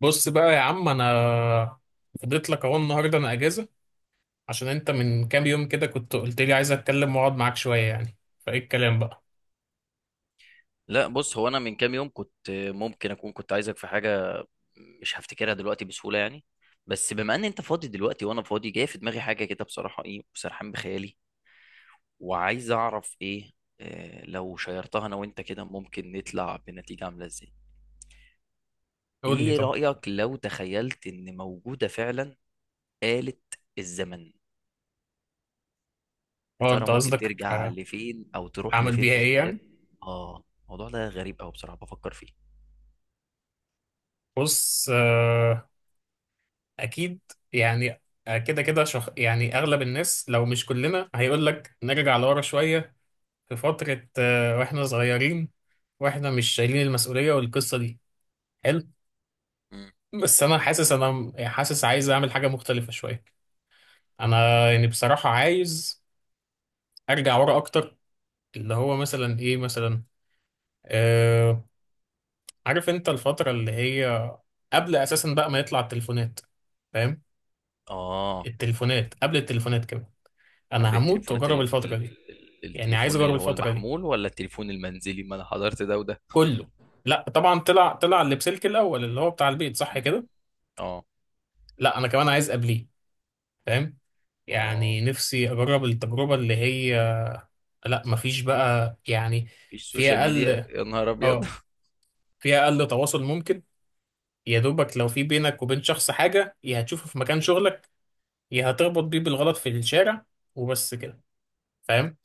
بص بقى يا عم، انا فضيت لك اهو النهارده. انا اجازه عشان انت من كام يوم كده كنت قلت لي عايز اتكلم واقعد معاك شويه يعني. فايه الكلام بقى؟ لا، بص، هو انا من كام يوم كنت ممكن اكون كنت عايزك في حاجه مش هفتكرها دلوقتي بسهوله يعني. بس بما ان انت فاضي دلوقتي وانا فاضي، جايه في دماغي حاجه كده بصراحه، ايه، وسرحان بخيالي وعايز اعرف ايه. لو شيرتها انا وانت كده، ممكن نطلع بنتيجه عامله ازاي؟ قول لي ايه طب. رايك لو تخيلت ان موجوده فعلا آلة الزمن؟ يا اه ترى انت ممكن قصدك، ترجع لفين او تروح اعمل لفين بيها ايه قدام؟ يعني؟ اه الموضوع ده غريب قوي، بصراحه بفكر فيه. بص، اكيد. يعني، كده كده يعني اغلب الناس لو مش كلنا هيقول لك نرجع لورا شويه، في فتره واحنا صغيرين واحنا مش شايلين المسؤوليه والقصه دي. حلو. مم. بس انا حاسس عايز اعمل حاجه مختلفه شويه. انا يعني بصراحه عايز ارجع ورا اكتر. اللي هو مثلا ايه مثلا؟ آه عارف انت الفتره اللي هي قبل اساسا بقى ما يطلع التليفونات؟ فاهم؟ اه، التليفونات قبل التليفونات كمان، قبل انا هموت التليفونات واجرب الفتره دي. يعني عايز التليفون اجرب اللي هو الفتره دي المحمول ولا التليفون المنزلي، ما انا حضرت ده وده. كله. لا طبعا، طلع اللي بسلك الاول اللي هو بتاع البيت، صح مم. كده. اه، لا انا كمان عايز قبليه. فاهم؟ اه، يعني نفسي اجرب التجربه اللي هي، لا مفيش بقى يعني. مفيش في سوشيال ميديا، اقل يا نهار ابيض! اه في اقل تواصل ممكن. يا دوبك لو في بينك وبين شخص حاجة، يا هتشوفه في مكان شغلك، يا هتربط بيه بالغلط في الشارع، وبس كده. فاهم؟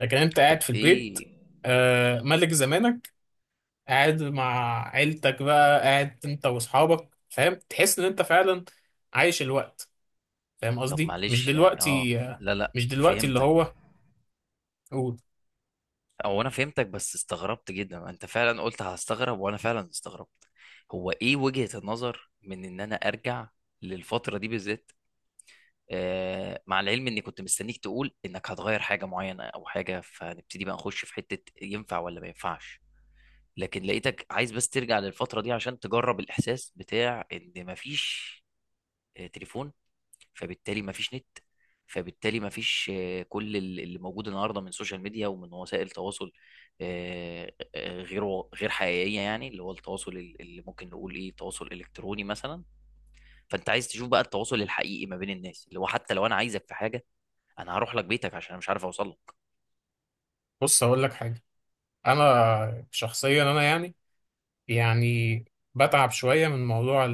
لكن انت طب قاعد في البيت، ايه؟ ملك زمانك، قاعد مع عيلتك بقى، قاعد انت واصحابك، فاهم؟ تحس ان انت فعلا عايش الوقت. فاهم طب قصدي؟ مش معلش، يعني دلوقتي، لا، لا، مش دلوقتي اللي فهمتك. هو. قول. او انا فهمتك، بس استغربت جدا، انت فعلا قلت هستغرب وانا فعلا استغربت. هو ايه وجهة النظر من ان انا ارجع للفترة دي بالذات؟ مع العلم اني كنت مستنيك تقول انك هتغير حاجة معينة او حاجة، فنبتدي بقى نخش في حتة ينفع ولا ما ينفعش. لكن لقيتك عايز بس ترجع للفترة دي عشان تجرب الإحساس بتاع إن مفيش تليفون، فبالتالي مفيش نت، فبالتالي مفيش كل اللي موجود النهاردة من سوشيال ميديا ومن وسائل تواصل غير غير حقيقية، يعني اللي هو التواصل اللي ممكن نقول إيه تواصل إلكتروني مثلا. فأنت عايز تشوف بقى التواصل الحقيقي ما بين الناس، اللي هو حتى لو أنا عايزك في حاجة أنا هروح لك بيتك عشان أنا مش عارف أوصل لك. بص هقول لك حاجة. انا شخصيا، انا يعني، يعني بتعب شوية من موضوع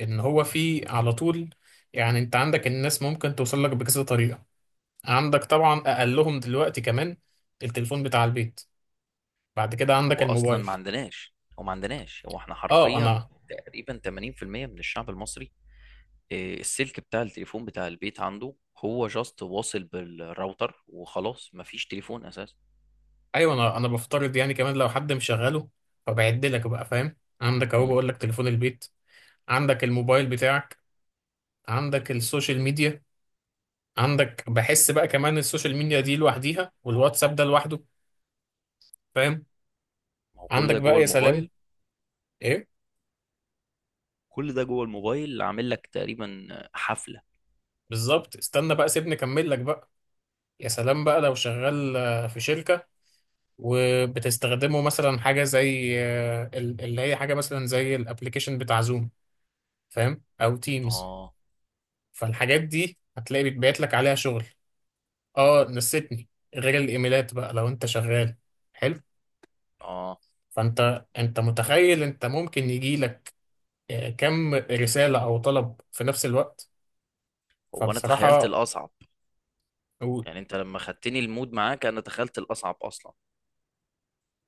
ان هو في على طول. يعني انت عندك الناس ممكن توصل لك بكذا طريقة. عندك طبعا اقلهم دلوقتي كمان التليفون بتاع البيت، بعد كده عندك هو أصلا الموبايل. ما عندناش، هو ما عندناش هو إحنا اه. حرفيا انا تقريبا 80% من الشعب المصري. السلك بتاع التليفون بتاع البيت عنده هو جاست واصل بالراوتر وخلاص، مفيش تليفون اساسا. ايوه، انا بفترض يعني كمان لو حد مشغله. فبعد لك بقى، فاهم؟ عندك اهو، مم. بقول لك تليفون البيت، عندك الموبايل بتاعك، عندك السوشيال ميديا. عندك بحس بقى كمان السوشيال ميديا دي لوحديها والواتساب ده لوحده، فاهم؟ ما هو كل عندك ده جوه بقى، يا سلام. الموبايل ايه كل ده جوه الموبايل اللي عامل لك تقريبا حفلة. بالظبط. استنى بقى سيبني اكمل لك بقى. يا سلام بقى لو شغال في شركة، وبتستخدمه مثلا حاجة زي اللي هي حاجة مثلا زي الابليكيشن بتاع زوم، فاهم، أو تيمز. اه، فالحاجات دي هتلاقي بيتبعت لك عليها شغل. اه، نسيتني، غير الايميلات بقى لو انت شغال. حلو. اه، فانت متخيل انت ممكن يجي لك كم رسالة او طلب في نفس الوقت؟ هو انا تخيلت فبصراحة، الاصعب. و- يعني انت لما خدتني المود معاك انا تخيلت الاصعب اصلا،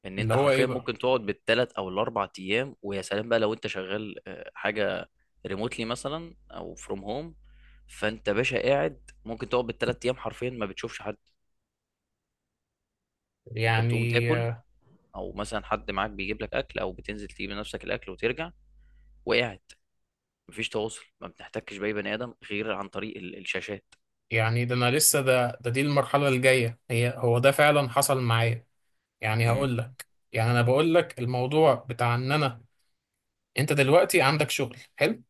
ان اللي انت هو ايه حرفيا بقى ممكن تقعد بالثلاث او الاربع ايام، ويا سلام بقى لو انت شغال حاجة ريموتلي مثلا او فروم هوم، فانت باشا قاعد ممكن تقعد بالثلاث ايام حرفيا ما بتشوفش حد. انت بتقوم يعني، تاكل، او مثلا حد معاك بيجيب لك اكل، او بتنزل تجيب لنفسك الاكل وترجع وقاعد، مفيش تواصل، ما بنحتكش باي بني ادم غير عن طريق الشاشات. يعني ده انا لسه ده ده دي المرحله الجايه، هي هو ده فعلا حصل معايا. يعني مم. هقول لك. يعني انا بقول لك الموضوع بتاع، ان انا انت دلوقتي عندك شغل حلو،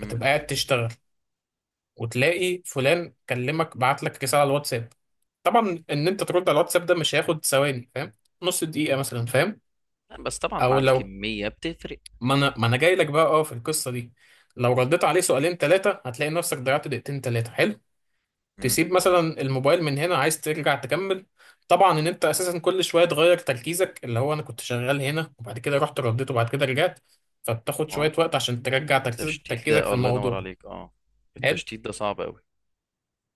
مم. قاعد تشتغل وتلاقي فلان كلمك بعت لك رساله على الواتساب. طبعا ان انت ترد على الواتساب ده مش هياخد ثواني، فاهم، نص دقيقه مثلا، فاهم. بس طبعا او مع لو، الكميه بتفرق. ما انا جاي لك بقى اه في القصه دي، لو رديت عليه سؤالين ثلاثه هتلاقي نفسك ضيعت دقيقتين ثلاثه. حلو. مم. تسيب مثلا الموبايل من هنا، عايز ترجع تكمل، طبعا ان انت اساسا كل شويه تغير تركيزك، اللي هو انا كنت شغال هنا وبعد كده رحت رديت وبعد كده رجعت، فبتاخد اه، شويه وقت عشان ترجع تركيزك التشتيت ده تركيزك في الله ينور الموضوع. عليك. اه، حلو. التشتيت ده صعب قوي.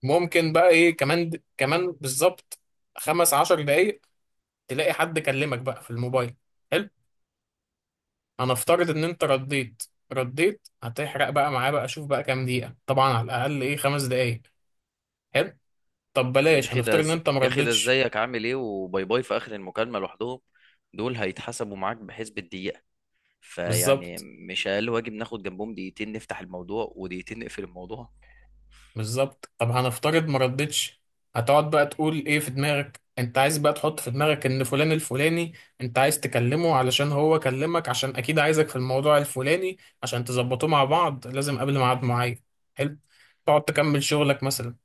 ممكن بقى ايه كمان؟ كمان بالظبط 15 دقايق تلاقي حد كلمك بقى في الموبايل. حلو. هنفترض ان انت رديت، هتحرق بقى معاه بقى، شوف بقى كام دقيقه، طبعا على الاقل ايه، 5 دقايق. حلو. طب بلاش، هنفترض ان انت يا اخي ده مردتش. ازيك عامل ايه وباي باي في اخر المكالمه لوحدهم، دول هيتحسبوا معاك بحسب الدقيقه. فيعني بالظبط، مش اقل واجب ناخد جنبهم دقيقتين نفتح الموضوع ودقيقتين نقفل الموضوع. بالظبط. طب هنفترض ما ردتش، هتقعد بقى تقول ايه في دماغك، انت عايز بقى تحط في دماغك ان فلان الفلاني انت عايز تكلمه علشان هو كلمك عشان اكيد عايزك في الموضوع الفلاني عشان تظبطوه مع بعض لازم قبل ميعاد معين. حلو. تقعد مم. تكمل شغلك مثلا،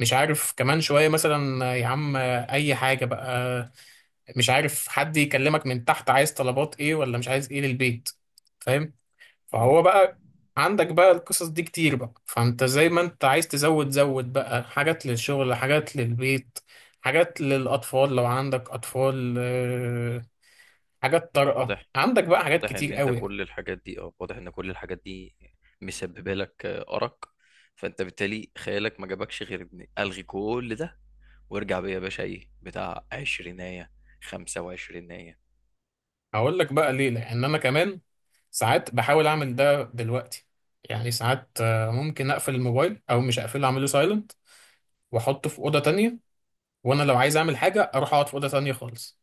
مش عارف كمان شوية مثلا، يا عم، اي حاجة بقى، مش عارف حد يكلمك من تحت عايز طلبات ايه ولا مش عايز ايه للبيت، فاهم؟ مم. فهو بقى، عندك بقى القصص دي كتير بقى، فانت زي ما انت عايز تزود زود بقى، حاجات للشغل، حاجات للبيت، حاجات للأطفال لو عندك أطفال، حاجات طارئة، واضح. عندك بقى حاجات واضح ان كتير انت قوي يعني. كل الحاجات دي اه واضح ان كل الحاجات دي مسببه لك ارق. فانت بالتالي، خيالك ما جابكش غير إن الغي كل ده وارجع بيا يا باشا ايه بتاع عشرينية، خمسة وعشرينية. هقول لك بقى ليه، لأن أنا كمان ساعات بحاول أعمل ده دلوقتي. يعني ساعات ممكن أقفل الموبايل أو مش أقفله، أعمله سايلنت وأحطه في أوضة تانية، وأنا لو عايز أعمل حاجة أروح أقعد في أوضة تانية خالص،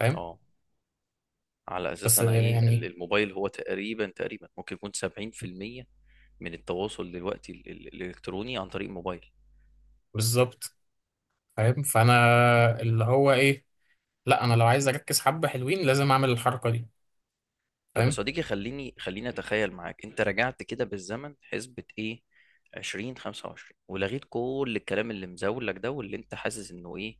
فاهم. اه، على اساس بس انا ايه يعني الموبايل هو تقريبا تقريبا ممكن يكون 70% من التواصل دلوقتي الالكتروني عن طريق الموبايل. بالظبط، فاهم. فانا اللي هو ايه، لا انا لو عايز اركز حبه حلوين لازم اعمل الحركه دي، طب يا فاهم. صديقي، خليني خليني اتخيل معاك، انت رجعت كده بالزمن حسبة ايه 20 25 ولغيت كل الكلام اللي مزولك ده واللي انت حاسس انه ايه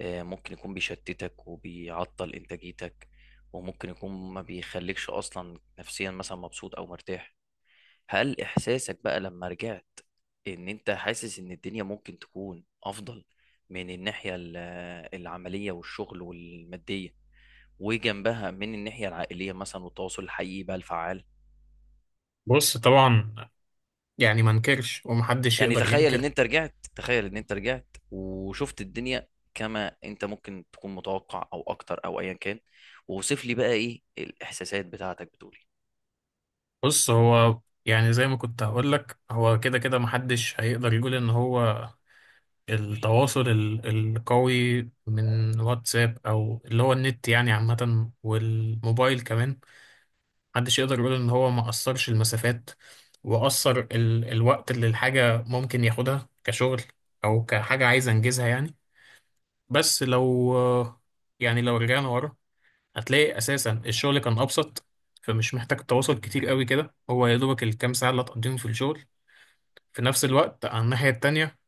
ممكن يكون بيشتتك وبيعطل انتاجيتك، وممكن يكون ما بيخليكش اصلا نفسيا مثلا مبسوط او مرتاح. هل احساسك بقى لما رجعت ان انت حاسس ان الدنيا ممكن تكون افضل من الناحية العملية والشغل والمادية، وجنبها من الناحية العائلية مثلا والتواصل الحقيقي بقى الفعال؟ بص طبعا، يعني ما انكرش ومحدش يعني يقدر ينكر. تخيل ان انت رجعت وشفت الدنيا كما انت ممكن تكون متوقع او اكتر او ايا كان، ووصف لي بقى ايه الاحساسات بتاعتك، بتقولي. بص هو، يعني زي ما كنت هقول لك، هو كده كده محدش هيقدر يقول ان هو التواصل القوي من واتساب او اللي هو النت يعني عامه والموبايل كمان، محدش يقدر يقول ان هو ما قصرش المسافات وقصر الوقت اللي الحاجة ممكن ياخدها كشغل او كحاجة عايز انجزها يعني. بس لو، يعني لو رجعنا ورا هتلاقي اساسا الشغل كان ابسط. فمش محتاج تواصل كتير قوي كده، هو يا دوبك الكام ساعة اللي هتقضيهم في الشغل. في نفس الوقت على الناحية التانية،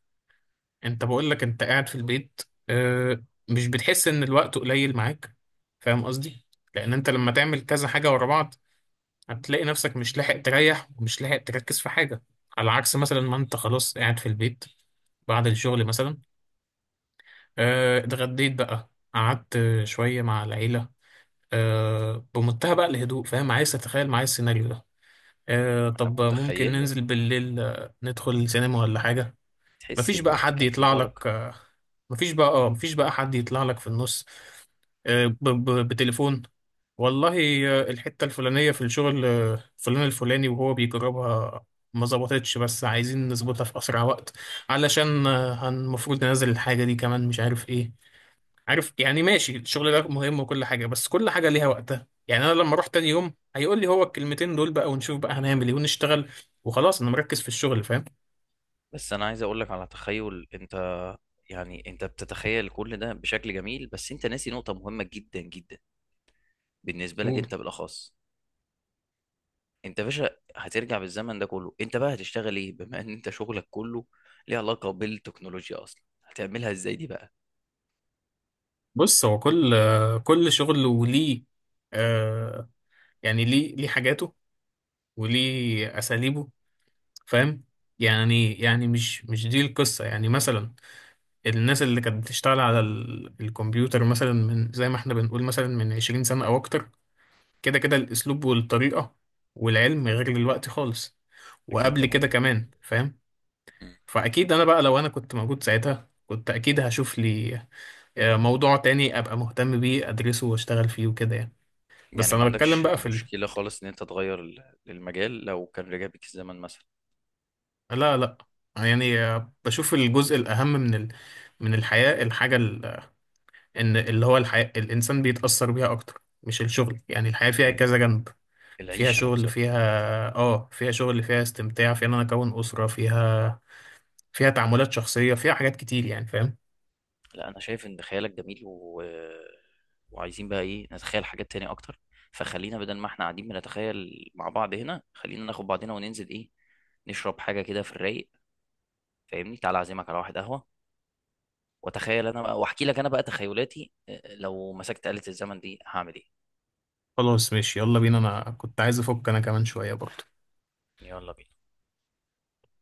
انت بقول لك انت قاعد في البيت، آه، مش بتحس ان الوقت قليل معاك؟ فاهم قصدي. لان انت لما تعمل كذا حاجة ورا بعض هتلاقي نفسك مش لاحق تريح ومش لاحق تركز في حاجة. على عكس مثلا ما انت خلاص قاعد في البيت بعد الشغل مثلا، اتغديت بقى، قعدت شوية مع العيلة، بمنتهى بقى الهدوء، فاهم؟ عايز تتخيل معايا السيناريو ده؟ انا طب ممكن متخيله، ننزل بالليل ندخل السينما ولا حاجة. تحس مفيش بقى الوقت حد كان فيه يطلع بركة. لك آه، مفيش بقى حد يطلع لك في النص بتليفون، والله، الحتة الفلانية في الشغل، فلان الفلاني وهو بيجربها ما ظبطتش بس عايزين نظبطها في أسرع وقت، علشان المفروض ننزل الحاجة دي كمان مش عارف إيه. عارف يعني، ماشي، الشغل ده مهم وكل حاجة، بس كل حاجة ليها وقتها يعني. أنا لما أروح تاني يوم هيقول لي هو الكلمتين دول بقى، ونشوف بقى هنعمل إيه ونشتغل، وخلاص أنا مركز في الشغل، فاهم. بس انا عايز اقول لك على تخيل انت، يعني انت بتتخيل كل ده بشكل جميل، بس انت ناسي نقطة مهمة جدا جدا بالنسبة لك انت بالاخص. انت يا باشا هترجع بالزمن ده كله، انت بقى هتشتغل ايه بما ان انت شغلك كله ليه علاقة بالتكنولوجيا اصلا، هتعملها ازاي دي بقى؟ بص هو كل شغل وليه، آه يعني ليه حاجاته وليه اساليبه، فاهم. يعني مش دي القصه. يعني مثلا، الناس اللي كانت بتشتغل على الكمبيوتر مثلا من زي ما احنا بنقول مثلا من 20 سنه او اكتر، كده كده الاسلوب والطريقه والعلم غير دلوقتي خالص اكيد وقبل طبعا. كده كمان، فاهم. مم. فاكيد انا بقى، لو انا كنت موجود ساعتها كنت اكيد هشوف لي موضوع تاني، ابقى مهتم بيه ادرسه واشتغل فيه وكده يعني. يعني بس ما انا بتكلم عندكش بقى في مشكلة خالص ان انت تغير المجال لو كان رجع بيك الزمن مثلا؟ لا لا، يعني بشوف الجزء الاهم من من الحياة. الحاجة ان اللي هو الحياة الانسان بيتأثر بيها اكتر مش الشغل، يعني الحياة فيها ال- كذا جنب، فيها العيشة شغل نفسها. فيها اه فيها شغل فيها استمتاع، فيها ان انا اكون أسرة، فيها فيها تعاملات شخصية، فيها حاجات كتير يعني، فاهم. لا، انا شايف ان خيالك جميل وعايزين بقى ايه نتخيل حاجات تانية اكتر. فخلينا بدل ما احنا قاعدين بنتخيل مع بعض هنا، خلينا ناخد بعضنا وننزل ايه، نشرب حاجة كده في الرايق. فاهمني، تعال اعزمك على واحد قهوة، واتخيل انا بقى واحكي لك انا بقى تخيلاتي، لو مسكت آلة الزمن دي هعمل ايه. خلاص ماشي، يلا بينا، انا كنت عايز افك انا كمان شوية برضه. يلا بينا.